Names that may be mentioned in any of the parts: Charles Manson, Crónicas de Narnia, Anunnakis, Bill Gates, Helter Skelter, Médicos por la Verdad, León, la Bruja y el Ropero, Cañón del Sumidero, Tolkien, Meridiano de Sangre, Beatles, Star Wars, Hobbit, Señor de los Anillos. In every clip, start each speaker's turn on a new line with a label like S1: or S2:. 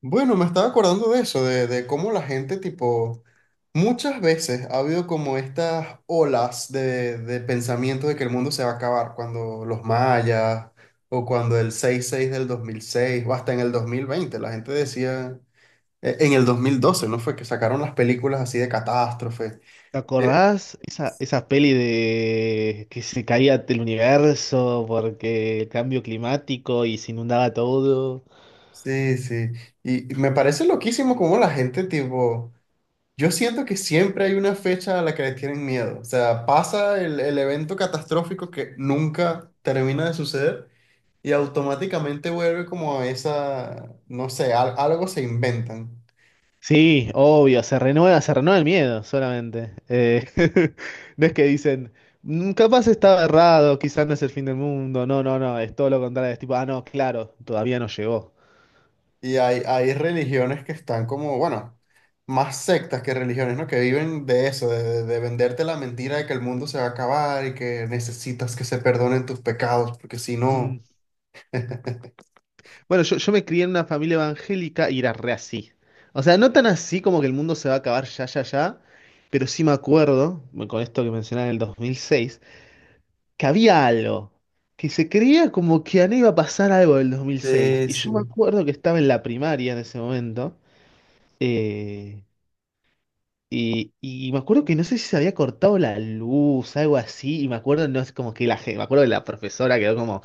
S1: Bueno, me estaba acordando de eso, de cómo la gente, tipo, muchas veces ha habido como estas olas de pensamiento de que el mundo se va a acabar, cuando los mayas, o cuando el seis seis del 2006, o hasta en el 2020, la gente decía, en el 2012, ¿no? Fue que sacaron las películas así de catástrofe.
S2: ¿Te
S1: Eh,
S2: acordás esa peli de que se caía el universo porque el cambio climático y se inundaba todo?
S1: Sí, sí, y me parece loquísimo cómo la gente, tipo... Yo siento que siempre hay una fecha a la que le tienen miedo. O sea, pasa el evento catastrófico que nunca termina de suceder y automáticamente vuelve como a esa, no sé, algo se inventan.
S2: Sí, obvio, se renueva el miedo solamente. No es que dicen, "Mm, capaz estaba errado, quizás no es el fin del mundo. No, no, no, es todo lo contrario. Es tipo, ah, no, claro, todavía no llegó".
S1: Y hay religiones que están como, bueno, más sectas que religiones, ¿no? Que viven de eso, de venderte la mentira de que el mundo se va a acabar y que necesitas que se perdonen tus pecados, porque si
S2: Mm.
S1: no...
S2: Bueno, yo me crié en una familia evangélica y era re así. O sea, no tan así como que el mundo se va a acabar ya, ya, ya, pero sí me acuerdo, bueno, con esto que mencionaba en el 2006, que había algo, que se creía como que a mí iba a pasar algo del 2006.
S1: Sí,
S2: Y yo me
S1: sí.
S2: acuerdo que estaba en la primaria en ese momento, eh, y me acuerdo que no sé si se había cortado la luz, algo así, y me acuerdo, no es como que me acuerdo que la profesora quedó como,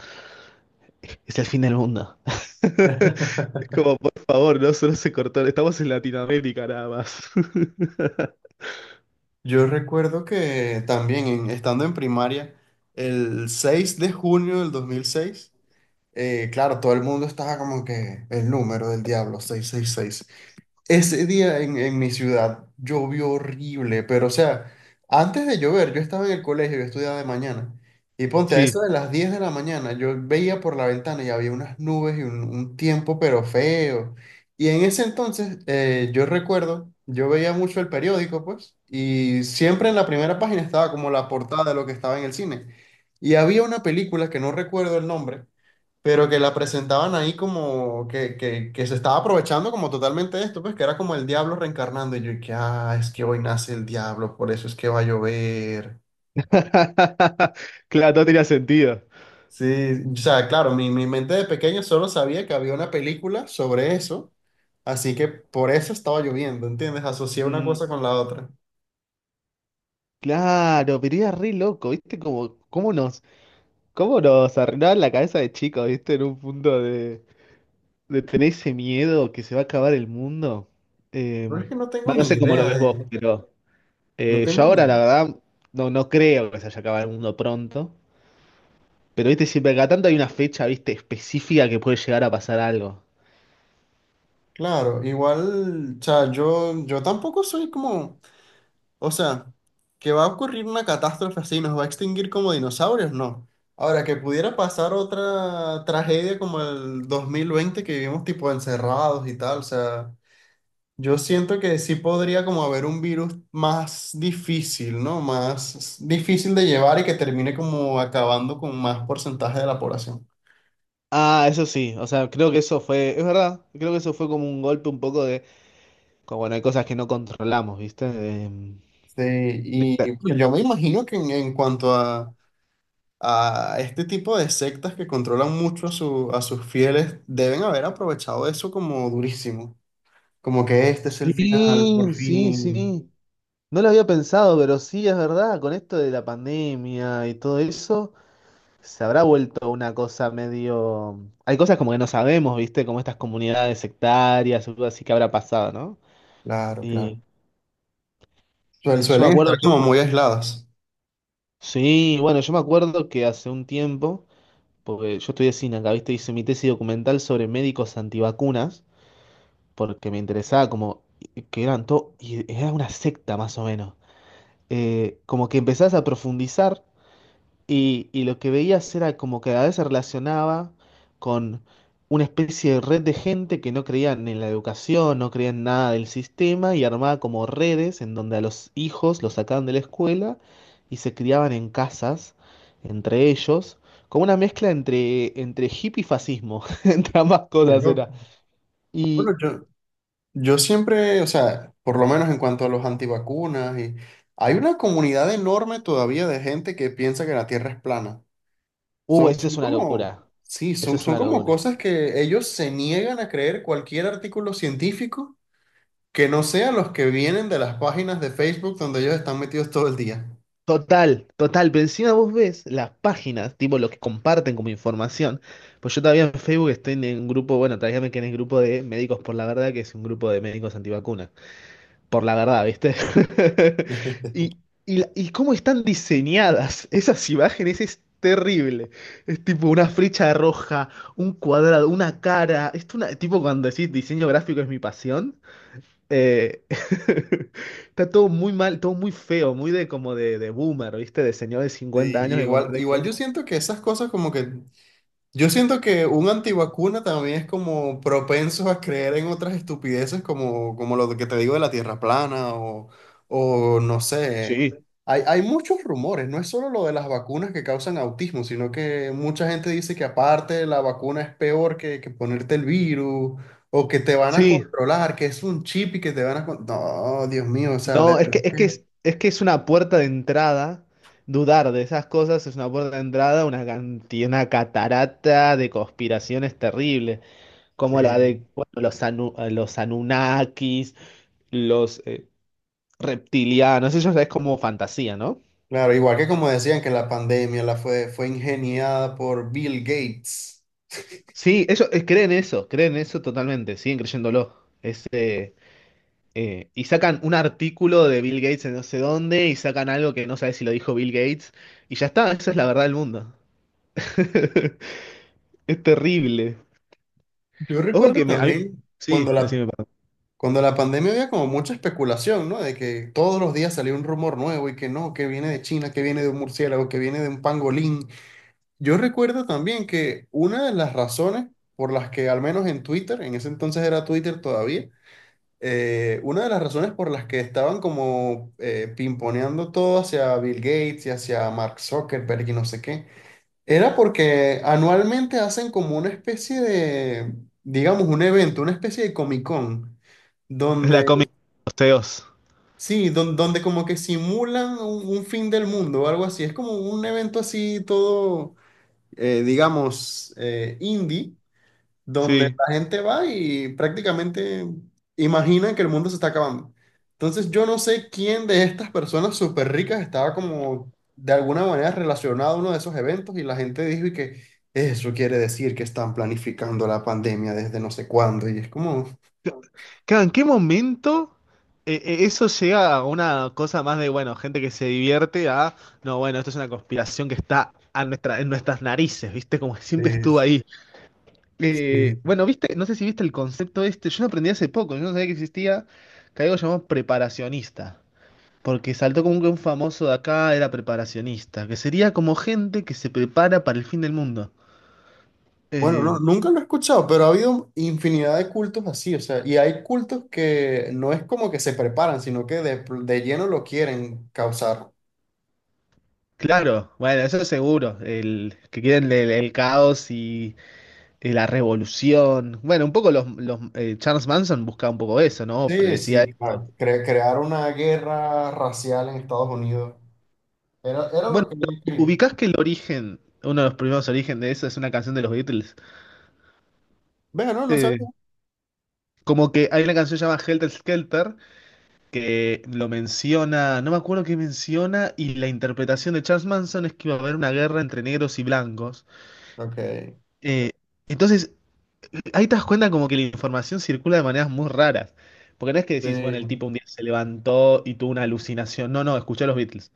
S2: es el fin del mundo. Como, por favor, no solo se cortó. Estamos en Latinoamérica nada más.
S1: Yo recuerdo que también estando en primaria, el 6 de junio del 2006, claro, todo el mundo estaba como que el número del diablo, 666. Ese día en mi ciudad llovió horrible, pero o sea, antes de llover, yo estaba en el colegio, yo estudiaba de mañana, y ponte a eso
S2: Sí.
S1: de las 10 de la mañana, yo veía por la ventana y había unas nubes y un tiempo pero feo. Y en ese entonces, yo recuerdo, yo veía mucho el periódico, pues, y siempre en la primera página estaba como la portada de lo que estaba en el cine. Y había una película que no recuerdo el nombre, pero que la presentaban ahí como que se estaba aprovechando como totalmente de esto, pues que era como el diablo reencarnando y yo, y que, ah, es que hoy nace el diablo, por eso es que va a llover.
S2: Claro, no tenía sentido.
S1: Sí, o sea, claro, mi mente de pequeño solo sabía que había una película sobre eso, así que por eso estaba lloviendo, ¿entiendes? Asocié una
S2: Mm.
S1: cosa con la otra.
S2: Claro, pero era re loco, ¿viste? Como, cómo nos arruinaban la cabeza de chicos, ¿viste? En un punto de tener ese miedo que se va a acabar el mundo. Eh,
S1: Pero es que no tengo
S2: bueno, no
S1: ni
S2: sé cómo lo
S1: idea
S2: ves vos,
S1: de,
S2: pero
S1: no
S2: yo
S1: tengo ni.
S2: ahora, la verdad, no creo que se haya acabado el mundo pronto. Pero, ¿viste? Siempre cada tanto hay una fecha, ¿viste? Específica que puede llegar a pasar algo.
S1: Claro, igual, o sea, yo tampoco soy como. O sea, que va a ocurrir una catástrofe así, nos va a extinguir como dinosaurios, no. Ahora, que pudiera pasar otra tragedia como el 2020 que vivimos tipo encerrados y tal, o sea, yo siento que sí podría como haber un virus más difícil, ¿no? Más difícil de llevar y que termine como acabando con más porcentaje de la población.
S2: Ah, eso sí, o sea, creo que eso fue, es verdad, creo que eso fue como un golpe un poco de, como bueno, hay cosas que no controlamos, ¿viste?
S1: Sí,
S2: De-
S1: y uy, yo me imagino que en cuanto a este tipo de sectas que controlan mucho a, a sus fieles, deben haber aprovechado eso como durísimo, como que este es el final, por
S2: sí, sí,
S1: fin.
S2: sí, no lo había pensado, pero sí, es verdad, con esto de la pandemia y todo eso, se habrá vuelto una cosa medio... Hay cosas como que no sabemos, ¿viste? Como estas comunidades sectarias, algo así que habrá pasado, ¿no?
S1: Claro,
S2: Y
S1: claro.
S2: yo me
S1: Suelen
S2: acuerdo,
S1: estar como muy aisladas.
S2: sí, bueno, yo me acuerdo que hace un tiempo... Porque yo estudié cine acá, ¿viste? Hice mi tesis documental sobre médicos antivacunas, porque me interesaba como que eran todo, y era una secta más o menos. Como que empezás a profundizar y lo que veías era como que a veces se relacionaba con una especie de red de gente que no creían en la educación, no creían nada del sistema y armaba como redes en donde a los hijos los sacaban de la escuela y se criaban en casas entre ellos, como una mezcla entre, entre hippie y fascismo, entre ambas
S1: Qué
S2: cosas era.
S1: loco.
S2: Y,
S1: Bueno, yo siempre, o sea, por lo menos en cuanto a los antivacunas, y, hay una comunidad enorme todavía de gente que piensa que la Tierra es plana. Son,
S2: esa es
S1: son
S2: una
S1: como,
S2: locura,
S1: sí,
S2: esa es
S1: son
S2: una
S1: como
S2: locura.
S1: cosas que ellos se niegan a creer cualquier artículo científico que no sean los que vienen de las páginas de Facebook donde ellos están metidos todo el día.
S2: Total, total, pero encima vos ves las páginas, tipo lo que comparten como información. Pues yo todavía en Facebook estoy en un grupo, bueno, todavía me quedé en el grupo de Médicos por la Verdad, que es un grupo de médicos antivacunas. Por la verdad, ¿viste? Y, y cómo están diseñadas esas imágenes es terrible. Es tipo una flecha roja, un cuadrado, una cara. Es una, tipo cuando decís diseño gráfico es mi pasión. Eh, Está todo muy mal, todo muy feo, muy de como de boomer, ¿viste? De señor de
S1: Sí,
S2: 50 años que
S1: igual,
S2: comparte
S1: igual yo
S2: cosas.
S1: siento que esas cosas como que. Yo siento que un antivacuna también es como propenso a creer en otras estupideces como, como lo que te digo de la tierra plana o no sé.
S2: Sí,
S1: Hay muchos rumores, no es solo lo de las vacunas que causan autismo, sino que mucha gente dice que aparte la vacuna es peor que ponerte el virus o que te van a
S2: sí.
S1: controlar, que es un chip y que te van a... No, Dios mío, o sea, de
S2: No,
S1: verdad que...
S2: es que es una puerta de entrada. Dudar de esas cosas es una puerta de entrada, a una cantidad, una catarata de conspiraciones terribles, como la de
S1: Sí.
S2: bueno, los Anunnakis, los reptilianos, eso ya es como fantasía, ¿no?
S1: Claro, igual que como decían que la pandemia la fue ingeniada por Bill Gates.
S2: Sí, ellos creen eso totalmente, siguen creyéndolo. Y sacan un artículo de Bill Gates en no sé dónde y sacan algo que no sabes si lo dijo Bill Gates y ya está, esa es la verdad del mundo. Es terrible.
S1: Yo
S2: Ojo
S1: recuerdo
S2: que me... a mí...
S1: también
S2: Sí, decime, perdón.
S1: cuando la pandemia había como mucha especulación, ¿no? De que todos los días salía un rumor nuevo y que no, que viene de China, que viene de un murciélago, que viene de un pangolín. Yo recuerdo también que una de las razones por las que, al menos en Twitter, en ese entonces era Twitter todavía, una de las razones por las que estaban como pimponeando todo hacia Bill Gates y hacia Mark Zuckerberg y no sé qué era porque anualmente hacen como una especie de, digamos, un evento, una especie de Comic Con,
S2: La
S1: donde,
S2: comedia de los CEOs.
S1: sí, donde, como que simulan un fin del mundo o algo así. Es como un evento así todo, digamos, indie, donde
S2: Sí.
S1: la gente va y prácticamente imagina que el mundo se está acabando. Entonces yo no sé quién de estas personas súper ricas estaba como de alguna manera relacionado a uno de esos eventos y la gente dijo y que eso quiere decir que están planificando la pandemia desde no sé cuándo y es como...
S2: Claro, ¿en qué momento eso llega a una cosa más de, bueno, gente que se divierte a, no, bueno, esto es una conspiración que está a nuestra, en nuestras narices, ¿viste? Como que siempre estuvo
S1: es-
S2: ahí.
S1: sí.
S2: Bueno, viste, no sé si viste el concepto este, yo lo aprendí hace poco, yo no sabía que existía, que hay algo llamado preparacionista, porque saltó como que un famoso de acá era preparacionista, que sería como gente que se prepara para el fin del mundo.
S1: Bueno, no,
S2: Eh,
S1: nunca lo he escuchado, pero ha habido infinidad de cultos así, o sea, y hay cultos que no es como que se preparan, sino que de lleno lo quieren causar.
S2: claro, bueno, eso es seguro, el, que quieren el caos y la revolución. Bueno, un poco Charles Manson buscaba un poco eso, ¿no?
S1: Sí,
S2: Predecía
S1: sí,
S2: eso.
S1: claro. Crear una guerra racial en Estados Unidos. Era
S2: Bueno,
S1: lo que yo quería.
S2: ubicás que el origen, uno de los primeros orígenes de eso es una canción de los Beatles.
S1: Vea, no, no sabía.
S2: Eh, Como que hay una canción llamada Helter Skelter que lo menciona, no me acuerdo qué menciona, y la interpretación de Charles Manson es que iba a haber una guerra entre negros y blancos.
S1: Ok.
S2: Eh, entonces, ahí te das cuenta como que la información circula de maneras muy raras. Porque no es que decís, bueno, el
S1: Sí.
S2: tipo un día se levantó y tuvo una alucinación. No, no, escuché a los Beatles.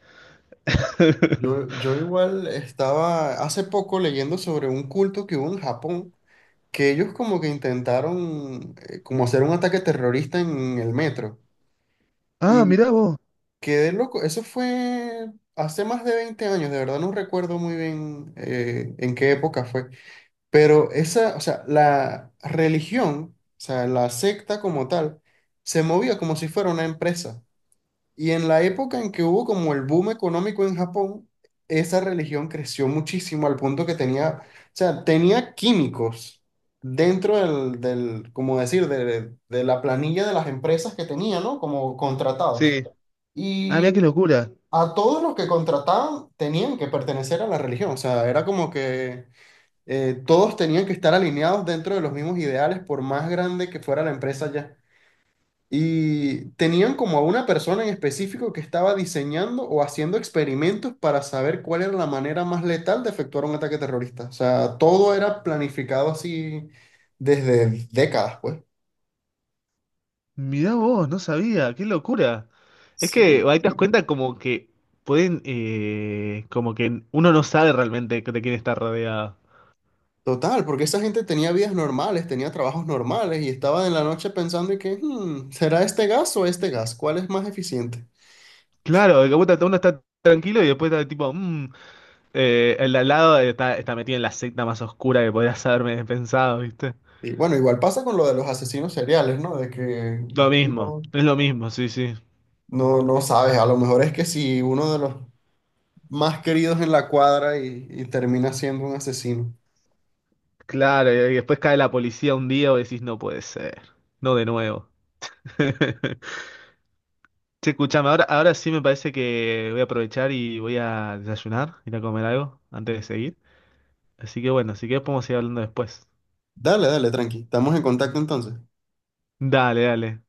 S1: Yo igual estaba hace poco leyendo sobre un culto que hubo en Japón, que ellos como que intentaron como hacer un ataque terrorista en el metro.
S2: Ah,
S1: Y
S2: mirá vos.
S1: quedé loco. Eso fue hace más de 20 años, de verdad no recuerdo muy bien en qué época fue. Pero esa, o sea, la religión, o sea, la secta como tal, se movía como si fuera una empresa. Y en la época en que hubo como el boom económico en Japón, esa religión creció muchísimo al punto que tenía, o sea, tenía químicos dentro del, como decir, de la planilla de las empresas que tenía, ¿no? Como contratados.
S2: Sí. Ah, mirá
S1: Y
S2: qué locura.
S1: a todos los que contrataban tenían que pertenecer a la religión, o sea, era como que todos tenían que estar alineados dentro de los mismos ideales, por más grande que fuera la empresa ya. Y tenían como a una persona en específico que estaba diseñando o haciendo experimentos para saber cuál era la manera más letal de efectuar un ataque terrorista. O sea, todo era planificado así desde décadas, pues.
S2: Mirá vos, no sabía, qué locura. Es
S1: Sí.
S2: que ahí te das cuenta como que pueden, como que uno no sabe realmente de quién está rodeado.
S1: Total, porque esa gente tenía vidas normales, tenía trabajos normales y estaba en la noche pensando y que, "Hmm, ¿será este gas o este gas? ¿Cuál es más eficiente?".
S2: Claro, de que puta, uno está tranquilo y después está tipo, mm, el de al lado está metido en la secta más oscura que podrías haberme pensado, ¿viste?
S1: Y bueno, igual pasa con lo de los asesinos seriales, ¿no? De que
S2: Lo
S1: tú
S2: mismo,
S1: no,
S2: es lo mismo, sí, sí.
S1: no sabes, a lo mejor es que si uno de los más queridos en la cuadra y termina siendo un asesino.
S2: Claro, y después cae la policía un día y decís, no puede ser, no de nuevo. Che, escuchame, ahora, ahora sí me parece que voy a aprovechar y voy a desayunar, ir a comer algo antes de seguir. Así que bueno, si querés podemos seguir hablando después.
S1: Dale, dale, tranqui. Estamos en contacto entonces.
S2: Dale, dale.